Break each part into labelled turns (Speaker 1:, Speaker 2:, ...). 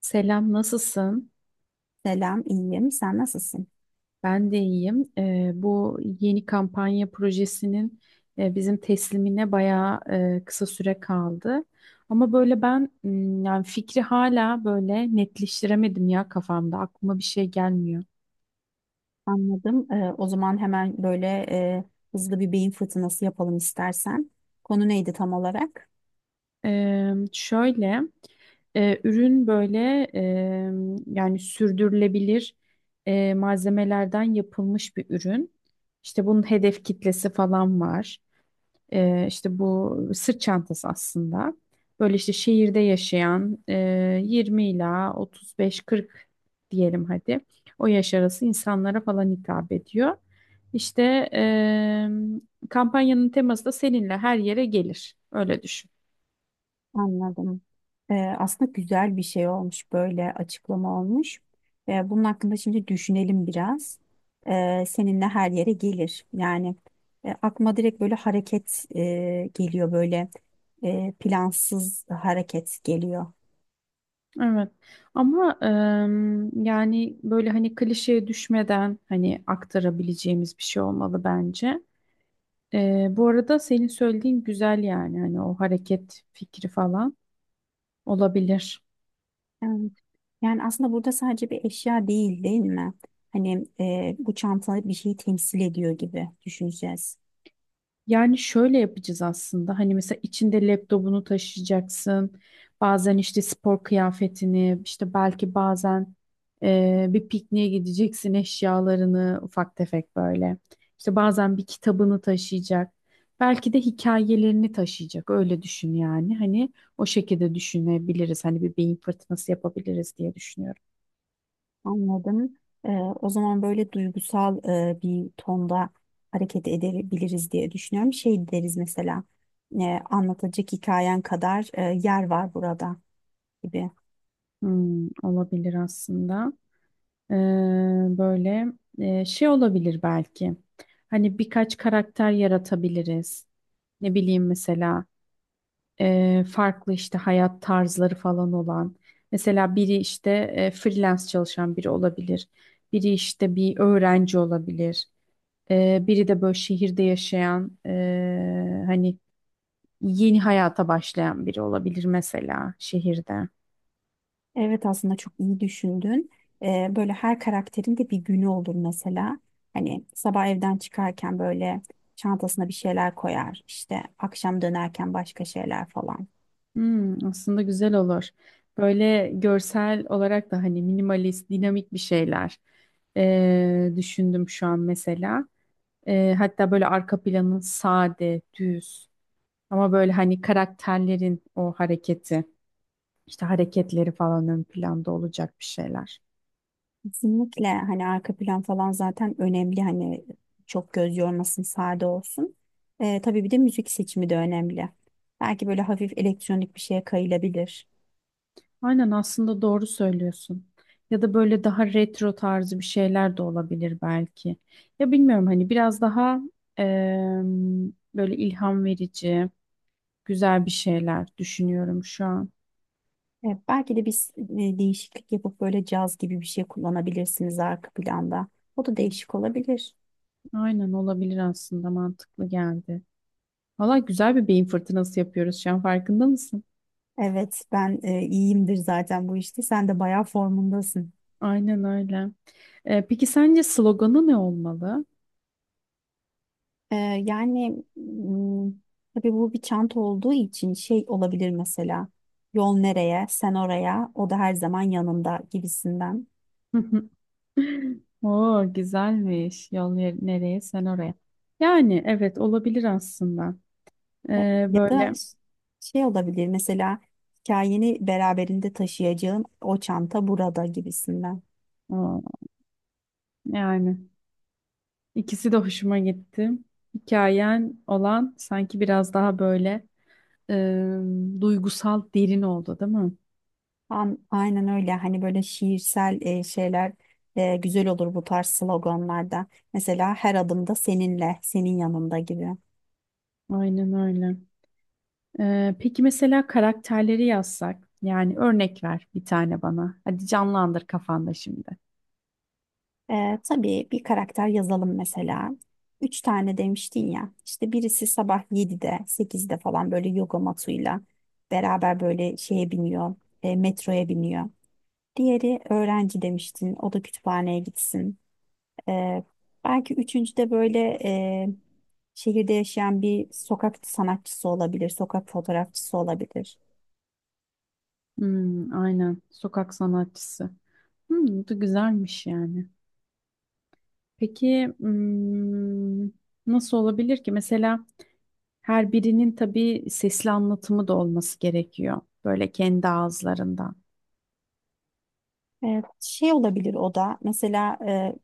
Speaker 1: Selam, nasılsın?
Speaker 2: Selam, iyiyim. Sen nasılsın?
Speaker 1: Ben de iyiyim. Bu yeni kampanya projesinin bizim teslimine bayağı kısa süre kaldı. Ama böyle ben yani fikri hala böyle netleştiremedim ya kafamda. Aklıma bir şey gelmiyor.
Speaker 2: Anladım. O zaman hemen böyle hızlı bir beyin fırtınası yapalım istersen. Konu neydi tam olarak?
Speaker 1: Şöyle ürün böyle e, yani sürdürülebilir malzemelerden yapılmış bir ürün. İşte bunun hedef kitlesi falan var. İşte bu sırt çantası aslında. Böyle işte şehirde yaşayan 20 ila 35-40 diyelim hadi. O yaş arası insanlara falan hitap ediyor. İşte kampanyanın teması da seninle her yere gelir. Öyle düşün.
Speaker 2: Anladım. Aslında güzel bir şey olmuş, böyle açıklama olmuş. Bunun hakkında şimdi düşünelim biraz. Seninle her yere gelir. Yani aklıma direkt böyle hareket geliyor, böyle plansız hareket geliyor.
Speaker 1: Evet. Ama yani böyle hani klişeye düşmeden hani aktarabileceğimiz bir şey olmalı bence. Bu arada senin söylediğin güzel yani hani o hareket fikri falan. Olabilir.
Speaker 2: Evet. Yani aslında burada sadece bir eşya değil, değil mi? Hani bu çanta bir şeyi temsil ediyor gibi düşüneceğiz.
Speaker 1: Yani şöyle yapacağız aslında. Hani mesela içinde laptopunu taşıyacaksın. Bazen işte spor kıyafetini, işte belki bazen bir pikniğe gideceksin eşyalarını ufak tefek böyle. İşte bazen bir kitabını taşıyacak. Belki de hikayelerini taşıyacak. Öyle düşün yani. Hani o şekilde düşünebiliriz. Hani bir beyin fırtınası yapabiliriz diye düşünüyorum.
Speaker 2: Anladım. O zaman böyle duygusal bir tonda hareket edebiliriz diye düşünüyorum. Şey deriz mesela, e, anlatacak hikayen kadar yer var burada gibi.
Speaker 1: Olabilir aslında. Ee, böyle şey olabilir belki. Hani birkaç karakter yaratabiliriz. Ne bileyim mesela farklı işte hayat tarzları falan olan. Mesela biri işte freelance çalışan biri olabilir. Biri işte bir öğrenci olabilir. Biri de böyle şehirde yaşayan hani yeni hayata başlayan biri olabilir mesela şehirde.
Speaker 2: Evet, aslında çok iyi düşündün. Böyle her karakterin de bir günü olur mesela. Hani sabah evden çıkarken böyle çantasına bir şeyler koyar. İşte akşam dönerken başka şeyler falan.
Speaker 1: Aslında güzel olur. Böyle görsel olarak da hani minimalist, dinamik bir şeyler düşündüm şu an mesela. Hatta böyle arka planın sade, düz ama böyle hani karakterlerin o hareketi, işte hareketleri falan ön planda olacak bir şeyler.
Speaker 2: Kesinlikle, hani arka plan falan zaten önemli, hani çok göz yormasın, sade olsun. Tabii bir de müzik seçimi de önemli. Belki böyle hafif elektronik bir şeye kayılabilir.
Speaker 1: Aynen aslında doğru söylüyorsun. Ya da böyle daha retro tarzı bir şeyler de olabilir belki. Ya bilmiyorum hani biraz daha eee, böyle ilham verici, güzel bir şeyler düşünüyorum şu an.
Speaker 2: Belki de biz değişiklik yapıp böyle caz gibi bir şey kullanabilirsiniz arka planda. O da değişik olabilir.
Speaker 1: Aynen olabilir aslında mantıklı geldi. Valla güzel bir beyin fırtınası yapıyoruz şu an farkında mısın?
Speaker 2: Evet, ben iyiyimdir zaten bu işte. Sen de bayağı formundasın.
Speaker 1: Aynen öyle. Peki sence sloganı ne olmalı?
Speaker 2: Ee, Yani tabii bu bir çanta olduğu için şey olabilir mesela. Yol nereye, sen oraya, o da her zaman yanında gibisinden.
Speaker 1: Oo güzelmiş. Yol nereye sen oraya. Yani evet olabilir aslında.
Speaker 2: Ya,
Speaker 1: Ee,
Speaker 2: ya
Speaker 1: böyle
Speaker 2: da ş- şey olabilir mesela, hikayeni beraberinde taşıyacağın o çanta burada gibisinden.
Speaker 1: aa, yani ikisi de hoşuma gitti. Hikayen olan sanki biraz daha böyle e, duygusal derin oldu, değil mi?
Speaker 2: Aynen öyle, hani böyle şiirsel şeyler güzel olur bu tarz sloganlarda. Mesela her adımda seninle, senin yanında gibi.
Speaker 1: Aynen öyle. Peki mesela karakterleri yazsak, yani örnek ver bir tane bana. Hadi canlandır kafanda şimdi.
Speaker 2: Tabii bir karakter yazalım mesela. Üç tane demiştin ya. İşte birisi sabah 7'de, 8'de falan böyle yoga matıyla beraber böyle şeye biniyor, metroya biniyor. Diğeri öğrenci demiştin. O da kütüphaneye gitsin. Ee, Belki üçüncü de böyle e, şehirde yaşayan bir sokak sanatçısı olabilir, sokak fotoğrafçısı olabilir.
Speaker 1: Hmm, aynen. Sokak sanatçısı. Bu da güzelmiş yani. Peki nasıl olabilir ki? Mesela her birinin tabii sesli anlatımı da olması gerekiyor. Böyle kendi ağızlarından.
Speaker 2: Evet, şey olabilir o da mesela.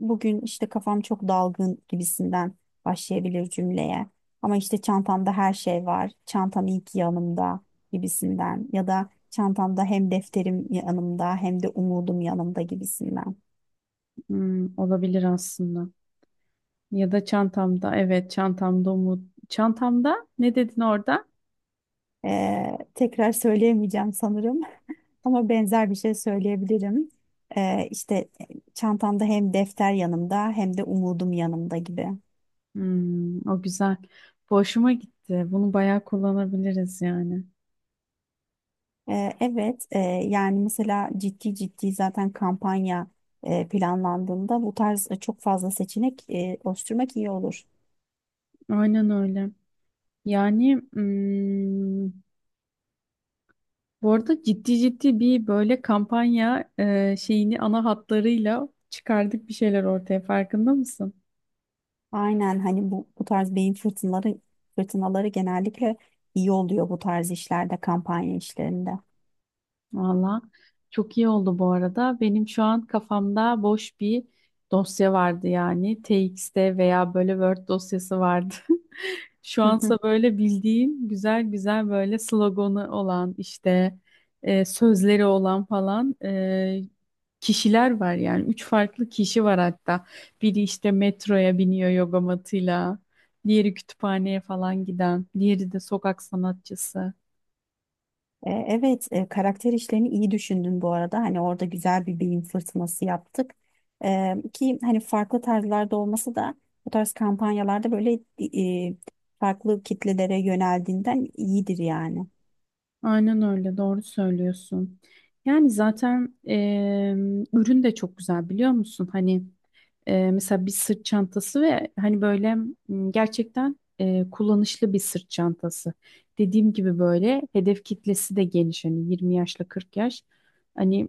Speaker 2: Bugün işte kafam çok dalgın gibisinden başlayabilir cümleye, ama işte çantamda her şey var, çantam iyi ki yanımda gibisinden, ya da çantamda hem defterim yanımda hem de umudum yanımda gibisinden.
Speaker 1: Olabilir aslında. Ya da çantamda. Evet, çantamda umut. Çantamda ne dedin orada?
Speaker 2: Tekrar söyleyemeyeceğim sanırım ama benzer bir şey söyleyebilirim. İşte çantamda hem defter yanımda hem de umudum yanımda gibi.
Speaker 1: O güzel. Bu hoşuma gitti. Bunu bayağı kullanabiliriz yani.
Speaker 2: Evet, yani mesela ciddi ciddi zaten kampanya planlandığında bu tarz çok fazla seçenek oluşturmak iyi olur.
Speaker 1: Aynen öyle. Yani, bu arada ciddi ciddi bir böyle kampanya şeyini ana hatlarıyla çıkardık bir şeyler ortaya farkında mısın?
Speaker 2: Aynen, hani bu tarz beyin fırtınaları genellikle iyi oluyor bu tarz işlerde, kampanya işlerinde.
Speaker 1: Valla çok iyi oldu bu arada. Benim şu an kafamda boş bir dosya vardı yani. TXT veya böyle Word dosyası vardı. Şu ansa böyle bildiğim güzel güzel böyle sloganı olan işte sözleri olan falan kişiler var yani. Üç farklı kişi var hatta. Biri işte metroya biniyor yoga matıyla. Diğeri kütüphaneye falan giden. Diğeri de sokak sanatçısı.
Speaker 2: Evet, karakter işlerini iyi düşündün bu arada. Hani orada güzel bir beyin fırtınası yaptık. Ki hani farklı tarzlarda olması da bu tarz kampanyalarda böyle e, farklı kitlelere yöneldiğinden iyidir yani.
Speaker 1: Aynen öyle, doğru söylüyorsun. Yani zaten ürün de çok güzel biliyor musun? Hani mesela bir sırt çantası ve hani böyle gerçekten kullanışlı bir sırt çantası. Dediğim gibi böyle hedef kitlesi de geniş hani 20 yaşla 40 yaş. Hani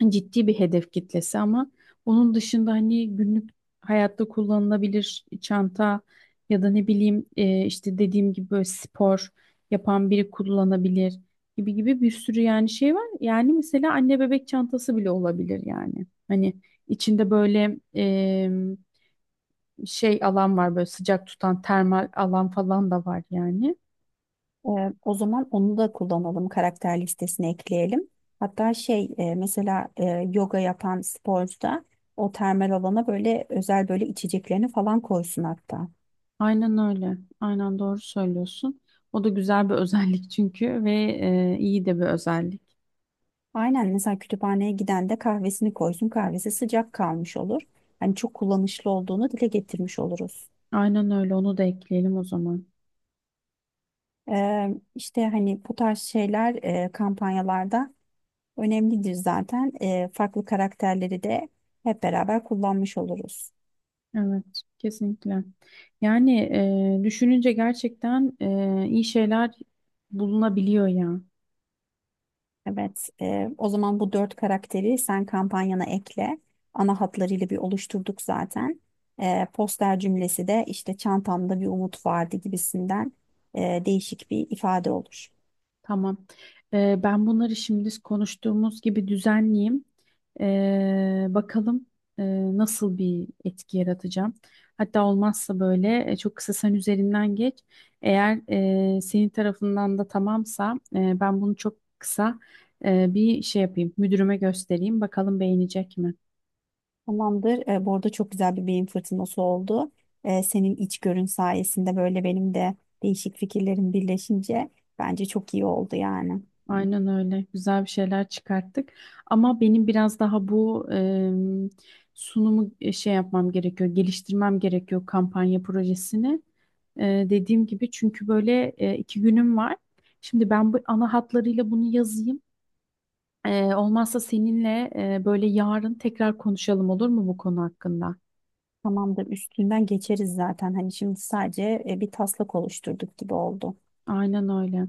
Speaker 1: ciddi bir hedef kitlesi ama onun dışında hani günlük hayatta kullanılabilir çanta ya da ne bileyim işte dediğim gibi böyle spor yapan biri kullanabilir gibi gibi bir sürü yani şey var. Yani mesela anne bebek çantası bile olabilir yani. Hani içinde böyle şey alan var böyle sıcak tutan termal alan falan da var yani.
Speaker 2: E, O zaman onu da kullanalım, karakter listesine ekleyelim. Hatta şey mesela yoga yapan sporcu da o termal alana böyle özel böyle içeceklerini falan koysun hatta.
Speaker 1: Aynen öyle. Aynen doğru söylüyorsun. O da güzel bir özellik çünkü ve iyi de bir özellik.
Speaker 2: Aynen, mesela kütüphaneye giden de kahvesini koysun. Kahvesi sıcak kalmış olur. Hani çok kullanışlı olduğunu dile getirmiş oluruz.
Speaker 1: Aynen öyle onu da ekleyelim o zaman.
Speaker 2: Ee, işte hani bu tarz şeyler kampanyalarda önemlidir zaten. Farklı karakterleri de hep beraber kullanmış oluruz.
Speaker 1: Evet kesinlikle. Yani, düşününce gerçekten iyi şeyler bulunabiliyor ya.
Speaker 2: Evet, o zaman bu dört karakteri sen kampanyana ekle. Ana hatlarıyla bir oluşturduk zaten. Poster cümlesi de işte çantamda bir umut vardı gibisinden değişik bir ifade olur.
Speaker 1: Tamam. Ben bunları şimdi konuştuğumuz gibi düzenleyeyim. Bakalım e, nasıl bir etki yaratacağım. Hatta olmazsa böyle çok kısa sen üzerinden geç. Eğer senin tarafından da tamamsa ben bunu çok kısa bir şey yapayım. Müdürüme göstereyim. Bakalım beğenecek mi?
Speaker 2: Tamamdır. Bu arada çok güzel bir beyin fırtınası oldu. Senin içgörün sayesinde böyle benim de değişik fikirlerim birleşince bence çok iyi oldu yani.
Speaker 1: Aynen öyle. Güzel bir şeyler çıkarttık. Ama benim biraz daha bu sunumu şey yapmam gerekiyor, geliştirmem gerekiyor kampanya projesini. E, dediğim gibi çünkü böyle 2 günüm var. Şimdi ben bu ana hatlarıyla bunu yazayım. Olmazsa seninle böyle yarın tekrar konuşalım olur mu bu konu hakkında?
Speaker 2: Tamamdır. Üstünden geçeriz zaten. Hani şimdi sadece bir taslak oluşturduk gibi oldu.
Speaker 1: Aynen öyle.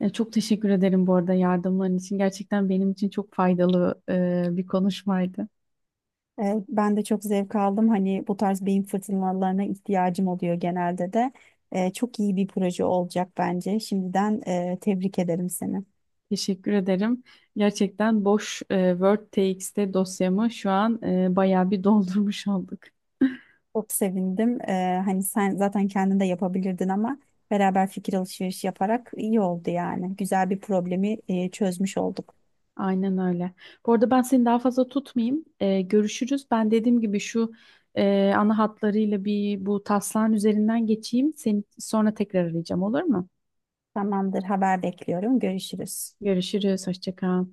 Speaker 1: Çok teşekkür ederim bu arada yardımların için. Gerçekten benim için çok faydalı bir konuşmaydı.
Speaker 2: Ben de çok zevk aldım. Hani bu tarz beyin fırtınalarına ihtiyacım oluyor genelde de. Çok iyi bir proje olacak bence. Şimdiden tebrik ederim seni.
Speaker 1: Teşekkür ederim. Gerçekten boş WordTXT dosyamı şu an bayağı bir doldurmuş olduk.
Speaker 2: Çok sevindim. Hani sen zaten kendin de yapabilirdin ama beraber fikir alışverişi yaparak iyi oldu yani. Güzel bir problemi çözmüş olduk.
Speaker 1: Aynen öyle. Bu arada ben seni daha fazla tutmayayım. Görüşürüz. Ben dediğim gibi şu ana hatlarıyla bir bu taslağın üzerinden geçeyim. Seni sonra tekrar arayacağım olur mu?
Speaker 2: Tamamdır, haber bekliyorum. Görüşürüz.
Speaker 1: Görüşürüz. Hoşça kal.